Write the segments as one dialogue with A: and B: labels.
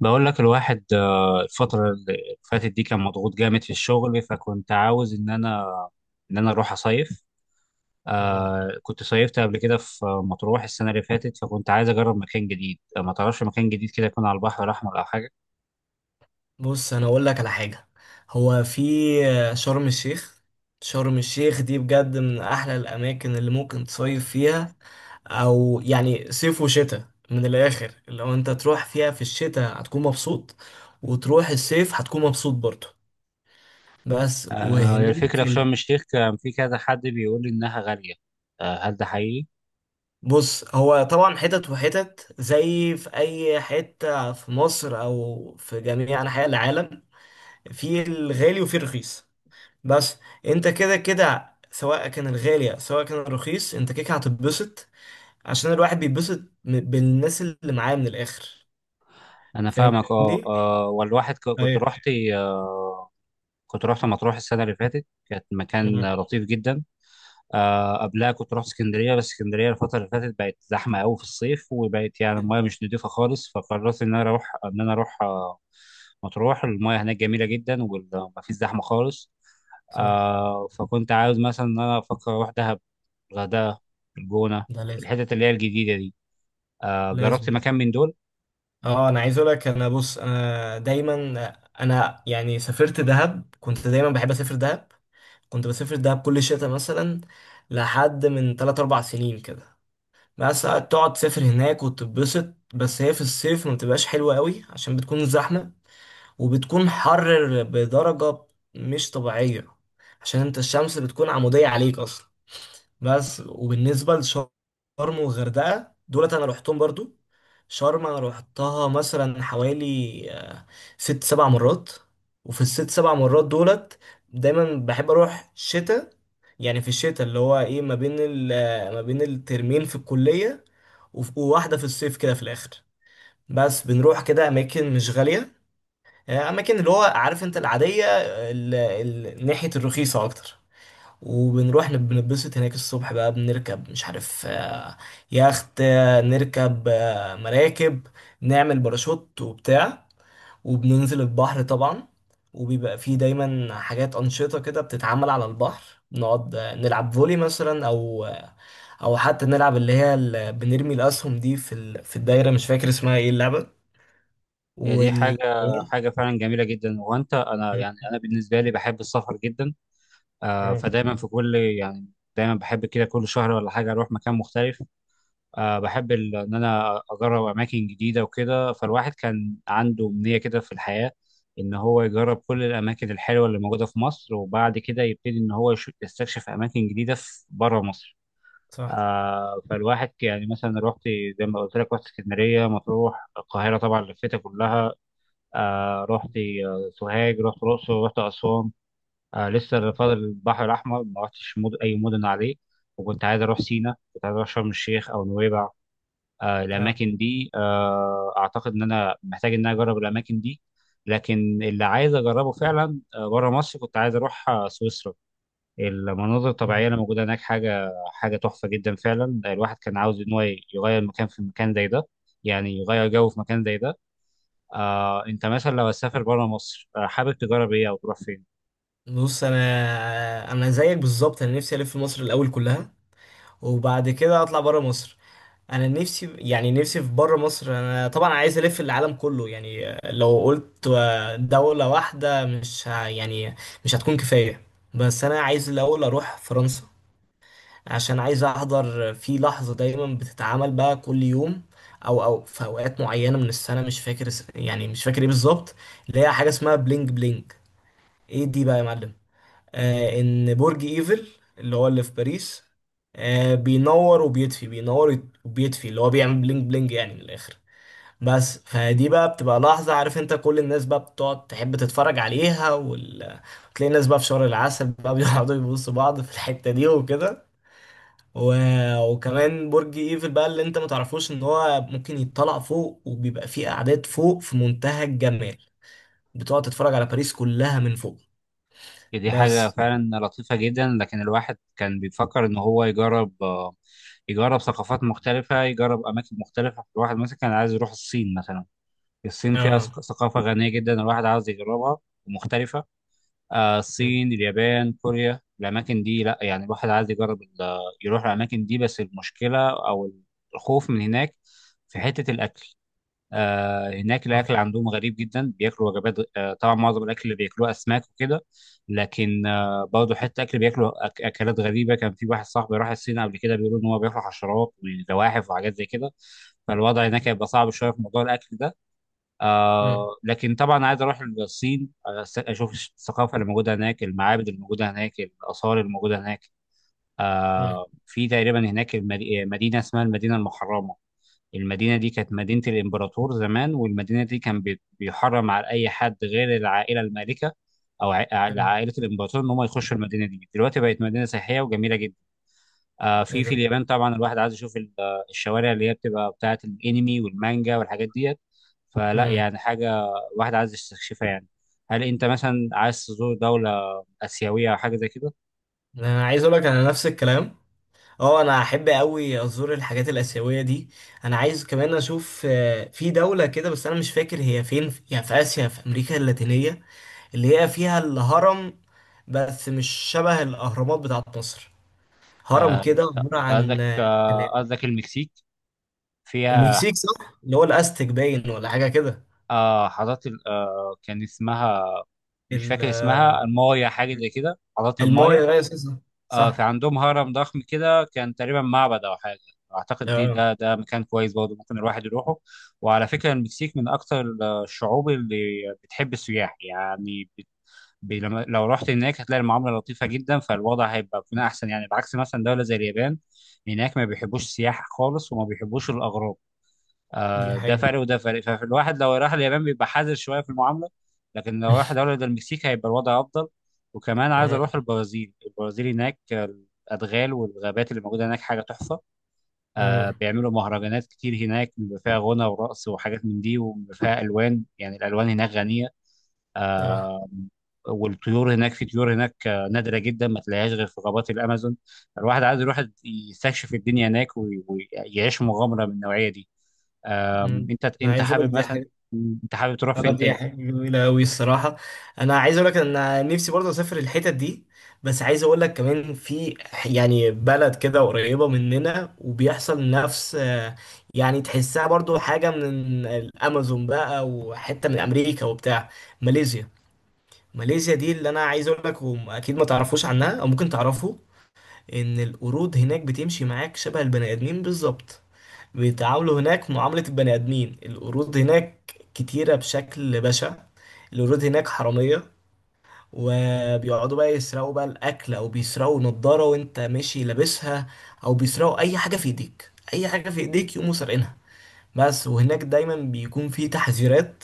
A: بقول لك الواحد الفترة اللي فاتت دي كان مضغوط جامد في الشغل، فكنت عاوز إن أنا أروح أصيف.
B: مم.
A: كنت صيفت قبل كده في مطروح السنة اللي فاتت، فكنت عايز أجرب مكان جديد. ما تعرفش مكان جديد كده يكون على البحر الأحمر أو حاجة؟
B: بص، انا اقول لك على حاجه. هو في شرم الشيخ. شرم الشيخ دي بجد من احلى الاماكن اللي ممكن تصيف فيها، او يعني صيف وشتاء من الاخر. لو انت تروح فيها في الشتاء هتكون مبسوط، وتروح الصيف هتكون مبسوط برضه. بس وهناك
A: الفكرة في شرم الشيخ، كان في كذا حد بيقول لي إنها غالية. هل ده حقيقي؟
B: بص، هو طبعا حتت وحتت زي في اي حته في مصر او في جميع انحاء العالم، في الغالي وفي الرخيص. بس انت كده كده، سواء كان الغالي سواء كان الرخيص، انت كده كده هتتبسط، عشان الواحد بيتبسط بالناس اللي معاه من الاخر.
A: أنا فاهمك. أه
B: فاهمني.
A: آه، والواحد كنت
B: ايوه.
A: رحت. آه، كنت رحت مطروح السنة اللي فاتت، كانت مكان
B: مم.
A: لطيف جدا. قبلها كنت رحت اسكندريه، بس اسكندريه الفتره اللي فاتت بقت زحمه قوي في الصيف وبقت يعني
B: كده.
A: المايه مش نضيفه خالص، فقررت ان انا اروح مطروح. المايه هناك جميله جدا ومفيش زحمه خالص.
B: صح.
A: فكنت عاوز مثلا ان انا افكر اروح دهب، الغردقه، الجونه،
B: ده لازم
A: الحتت اللي هي الجديده دي. جربت
B: لازم.
A: مكان من دول؟
B: اه، انا عايز اقول لك. انا بص، انا دايما انا يعني سافرت دهب، كنت دايما بحب اسافر دهب. كنت بسافر دهب كل شتاء مثلا، لحد من 3 4 سنين كده. بس تقعد تسافر هناك وتتبسط. بس هي في الصيف ما بتبقاش حلوه قوي، عشان بتكون زحمه وبتكون حر بدرجة مش طبيعية، عشان انت الشمس بتكون عمودية عليك اصلا. بس، وبالنسبة لشرم والغردقة دولت انا روحتهم برضو. شرم انا روحتها مثلا حوالي ست سبع مرات، وفي الست سبع مرات دولت دايما بحب اروح شتاء. يعني في الشتاء اللي هو ايه ما بين ما بين الترمين في الكلية، وواحدة في الصيف كده في الاخر. بس بنروح كده اماكن مش غالية، يعني اماكن اللي هو عارف انت، العاديه، ناحيه الرخيصه اكتر. وبنروح بنتبسط هناك الصبح بقى، بنركب مش عارف يخت، نركب مراكب، نعمل باراشوت وبتاع، وبننزل البحر طبعا. وبيبقى فيه دايما حاجات أنشطة كده بتتعمل على البحر، بنقعد نلعب فولي مثلا، أو حتى نلعب بنرمي الأسهم دي في في الدايرة، مش فاكر اسمها ايه اللعبة.
A: هي دي حاجه
B: وال
A: حاجه فعلا جميله جدا، انا
B: مم.
A: يعني انا بالنسبه لي بحب السفر جدا.
B: مم.
A: فدايما في كل يعني دايما بحب كده كل شهر ولا حاجة أروح مكان مختلف. بحب إن أنا أجرب أماكن جديدة وكده. فالواحد كان عنده أمنية كده في الحياة إن هو يجرب كل الأماكن الحلوة اللي موجودة في مصر، وبعد كده يبتدي إن هو يستكشف أماكن جديدة في بره مصر.
B: صح.
A: فالواحد يعني مثلا رحت، زي ما قلت لك، رحت اسكندرية، مطروح، القاهرة طبعا لفيتها كلها. رحت سوهاج، رحت الأقصر، رحت أسوان. لسه فاضل البحر الأحمر، ما رحتش أي مدن عليه. وكنت عايز أروح سينا، كنت عايز أروح شرم الشيخ أو نويبع.
B: اه.
A: الأماكن دي، أعتقد إن أنا محتاج إن أنا أجرب الأماكن دي. لكن اللي عايز أجربه فعلا بره مصر، كنت عايز أروح سويسرا. المناظر
B: مم.
A: الطبيعية اللي موجودة هناك حاجة تحفة جدا فعلا. الواحد كان عاوز إن هو يغير مكان في مكان زي ده، يعني يغير جو في مكان زي ده. أنت مثلا لو هتسافر بره مصر، حابب تجرب إيه أو تروح فين؟
B: بص، انا زيك بالظبط. انا نفسي الف مصر الاول كلها، وبعد كده اطلع بره مصر. انا نفسي، يعني نفسي في بره مصر. انا طبعا عايز الف العالم كله، يعني لو قلت دولة واحدة مش ه- يعني مش هتكون كفاية. بس انا عايز الاول اروح فرنسا، عشان عايز احضر في لحظة دايما بتتعمل بقى كل يوم، او في اوقات معينة من السنة، مش فاكر يعني مش فاكر ايه بالظبط، اللي هي حاجة اسمها بلينج بلينج. ايه دي بقى يا معلم؟ ان برج ايفل اللي هو اللي في باريس، بينور وبيطفي، بينور وبيطفي، اللي هو بيعمل بلينج بلينج يعني من الاخر. بس فدي بقى بتبقى لحظة، عارف انت، كل الناس بقى بتقعد تحب تتفرج عليها وتلاقي الناس بقى في شهر العسل بقى بيقعدوا يبصوا بعض في الحتة دي وكده. و... وكمان برج ايفل بقى اللي انت ما تعرفوش ان هو ممكن يطلع فوق، وبيبقى فيه قعدات فوق في منتهى الجمال، بتقعد تتفرج على باريس كلها من فوق.
A: دي حاجة
B: بس.
A: فعلا لطيفة جدا، لكن الواحد كان بيفكر إن هو يجرب يجرب ثقافات مختلفة، يجرب أماكن مختلفة. الواحد مثلا كان عايز يروح الصين مثلا. الصين فيها ثقافة غنية جدا الواحد عاوز يجربها، ومختلفة.
B: اه.
A: الصين، اليابان، كوريا، الأماكن دي لأ، يعني الواحد عايز يجرب يروح الأماكن دي. بس المشكلة أو الخوف من هناك في حتة الأكل. هناك الاكل عندهم غريب جدا، بياكلوا وجبات. طبعا معظم الاكل اللي بياكلوه اسماك وكده، لكن برضه حتى اكل بياكلوا اكلات غريبه. كان في واحد صاحبي راح الصين قبل كده، بيقولوا ان هو بياكل حشرات وزواحف وحاجات زي كده. فالوضع هناك هيبقى صعب شويه في موضوع الاكل ده.
B: امم.
A: لكن طبعا عايز اروح الصين، اشوف الثقافه اللي موجوده هناك، المعابد اللي موجوده هناك، الاثار اللي موجوده هناك. في تقريبا هناك مدينه اسمها المدينه المحرمه. المدينة دي كانت مدينة الإمبراطور زمان، والمدينة دي كان بيحرم على أي حد غير العائلة المالكة، أو
B: امم.
A: عائلة الإمبراطور إن هم يخشوا المدينة دي. دلوقتي بقت مدينة سياحية وجميلة جدا.
B: ايه
A: في
B: ده؟
A: اليابان طبعا الواحد عايز يشوف الشوارع اللي هي بتبقى بتاعة الأنمي والمانجا والحاجات ديت. فلا
B: امم.
A: يعني حاجة، الواحد عايز يستكشفها يعني. هل أنت مثلا عايز تزور دولة آسيوية أو حاجة زي كده؟
B: انا عايز اقول لك، انا نفس الكلام. اه، انا احب قوي ازور الحاجات الاسيويه دي. انا عايز كمان اشوف في دوله كده، بس انا مش فاكر هي فين، يا في اسيا، في امريكا اللاتينيه، اللي هي فيها الهرم، بس مش شبه الاهرامات بتاعت مصر. هرم
A: آه،
B: كده عباره عن
A: قصدك آه،
B: خلايا.
A: قصدك المكسيك فيها.
B: المكسيك، صح، اللي هو الاستك باين ولا حاجه كده.
A: حضرت كان اسمها، مش
B: ال-
A: فاكر اسمها، المايا، حاجة زي كده. حضرت المايا.
B: المايا، ايوه صح.
A: في
B: صح.
A: عندهم هرم ضخم كده، كان تقريبا معبد أو حاجة. أعتقد دي
B: اه،
A: ده ده مكان كويس برضه ممكن الواحد يروحه. وعلى فكرة المكسيك من أكتر الشعوب اللي بتحب السياح، يعني لو رحت هناك هتلاقي المعاملة لطيفة جدا، فالوضع بيكون أحسن. يعني بعكس مثلا دولة زي اليابان، هناك ما بيحبوش السياح خالص وما بيحبوش الأغراب.
B: دي
A: ده
B: حقيقه.
A: فرق وده فرق. فالواحد لو راح اليابان بيبقى حذر شويه في المعامله، لكن لو راح دوله زي المكسيك هيبقى الوضع افضل. وكمان عايز
B: امم.
A: اروح البرازيل. البرازيل هناك الادغال والغابات اللي موجوده هناك حاجه تحفه.
B: امم.
A: بيعملوا مهرجانات كتير هناك، بيبقى فيها غنى ورقص وحاجات من دي، وبيبقى فيها الوان، يعني الالوان هناك غنيه. آه، والطيور هناك، في طيور هناك نادره جدا ما تلاقيهاش غير في غابات الامازون. الواحد عايز يروح يستكشف الدنيا هناك ويعيش مغامره من النوعيه دي.
B: مم.
A: انت
B: انا
A: انت
B: عايز اقول لك
A: حابب
B: دي
A: مثلا،
B: حاجه.
A: انت حابب تروح فين
B: دي
A: تاني؟
B: حاجه جميله قوي الصراحه. انا عايز اقول لك ان أنا نفسي برضه اسافر الحتت دي، بس عايز اقول لك كمان في، يعني بلد كده قريبه مننا وبيحصل نفس، يعني تحسها برضه حاجه من الامازون بقى، وحته من امريكا وبتاع. ماليزيا. ماليزيا دي اللي انا عايز اقول لك، واكيد ما تعرفوش عنها او ممكن تعرفوا ان القرود هناك بتمشي معاك شبه البني ادمين بالظبط. بيتعاملوا هناك معاملة البني آدمين. القرود هناك كتيرة بشكل بشع. القرود هناك حرامية، وبيقعدوا بقى يسرقوا بقى الأكل، أو بيسرقوا نضارة وأنت ماشي لابسها، أو بيسرقوا أي حاجة في إيديك، أي حاجة في إيديك يقوموا سارقينها. بس، وهناك دايما بيكون في تحذيرات،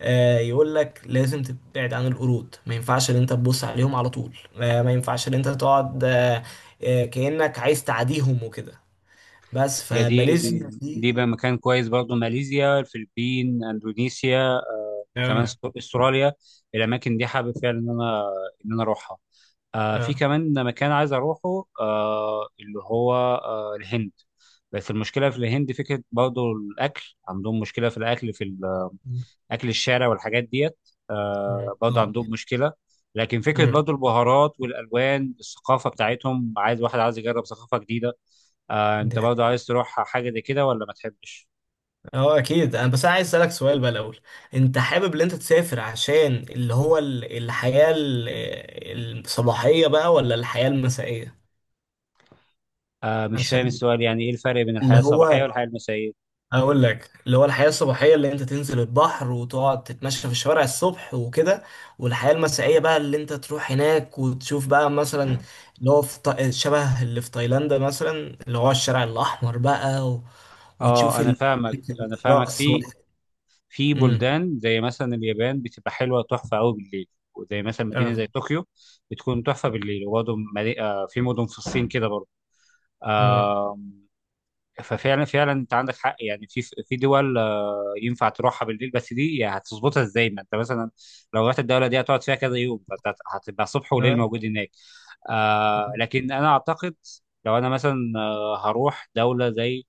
B: يقول لك لازم تبعد عن القرود، ما ينفعش ان انت تبص عليهم على طول، ما ينفعش ان انت تقعد كأنك عايز تعاديهم وكده. بس،
A: يا دي
B: فماليزيا دي.
A: دي بقى مكان كويس برضو. ماليزيا، الفلبين، اندونيسيا، كمان
B: اه.
A: استراليا، الاماكن دي حابب فعلا ان انا اروحها. في
B: اه.
A: كمان مكان عايز اروحه، اللي هو الهند. بس المشكله في الهند فكره، برضو الاكل عندهم مشكله، في
B: مم.
A: اكل الشارع والحاجات ديت. برضه
B: صعب.
A: عندهم مشكله. لكن فكره
B: مم.
A: برضه البهارات والالوان الثقافه بتاعتهم، واحد عايز يجرب ثقافه جديده.
B: دي
A: انت برضه
B: حقيقة.
A: عايز تروح حاجه زي كده ولا ما تحبش؟
B: اه، اكيد انا، بس انا عايز اسالك سؤال بقى الاول. انت حابب ان انت تسافر عشان اللي هو الحياة الصباحية بقى ولا الحياة المسائية؟
A: مش فاهم
B: عشان
A: السؤال. يعني ايه الفرق بين الحياه
B: اللي
A: الصباحيه
B: هو،
A: والحياه المسائيه؟
B: اقول لك، اللي هو الحياة الصباحية اللي انت تنزل البحر وتقعد تتمشى في الشوارع الصبح وكده، والحياة المسائية بقى اللي انت تروح هناك وتشوف بقى مثلا، اللي هو في شبه اللي في تايلاند مثلا، اللي هو الشارع الاحمر بقى
A: اه
B: وتشوف
A: انا فاهمك انا فاهمك.
B: الرقص.
A: في في
B: امم.
A: بلدان زي مثلا اليابان بتبقى حلوه تحفه قوي بالليل، وزي مثلا مدينه
B: اه.
A: زي طوكيو بتكون تحفه بالليل. وبرضه في مدن في الصين كده برضه.
B: امم.
A: ففعلا انت عندك حق، يعني في دول ينفع تروحها بالليل. بس دي يعني هتظبطها ازاي، ما انت مثلا لو رحت الدوله دي هتقعد فيها كذا يوم، فانت هتبقى صبح وليل
B: اه.
A: موجود هناك. لكن انا اعتقد لو انا مثلا هروح دوله زي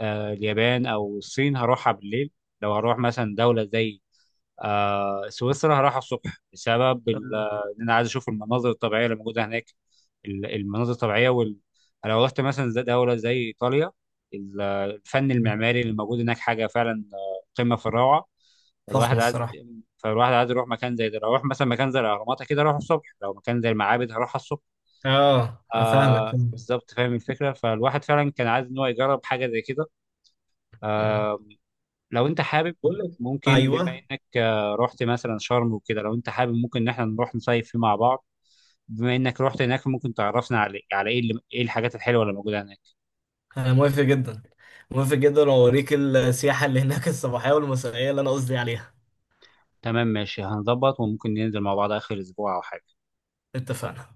A: اليابان او الصين هروحها بالليل. لو هروح مثلا دوله زي سويسرا هروح الصبح، بسبب
B: آه.
A: ان انا عايز اشوف المناظر الطبيعيه اللي موجوده هناك. المناظر الطبيعيه لو رحت مثلا زي دوله زي ايطاليا، الفن
B: مم.
A: المعماري اللي موجود هناك حاجه فعلا قمه في الروعه. فالواحد
B: فخمة
A: عايز،
B: الصراحة.
A: يروح مكان زي ده. لو اروح مثلا مكان زي الاهرامات كده اروح الصبح، لو مكان زي المعابد هروح الصبح.
B: اه، افهمك فهمك.
A: بالظبط فاهم الفكره. فالواحد فعلا كان عايز ان هو يجرب حاجه زي كده.
B: مم.
A: آه، لو انت حابب
B: بقول لك.
A: ممكن، بما
B: ايوه،
A: انك رحت مثلا شرم وكده، لو انت حابب ممكن ان احنا نروح نصيف فيه مع بعض. بما انك رحت هناك ممكن تعرفنا ايه الحاجات الحلوه اللي موجوده هناك.
B: انا موافق جدا. موافق جدا، واوريك السياحة اللي هناك الصباحية والمسائية اللي انا قصدي عليها.
A: تمام ماشي، هنظبط وممكن ننزل مع بعض اخر اسبوع او حاجه.
B: اتفقنا.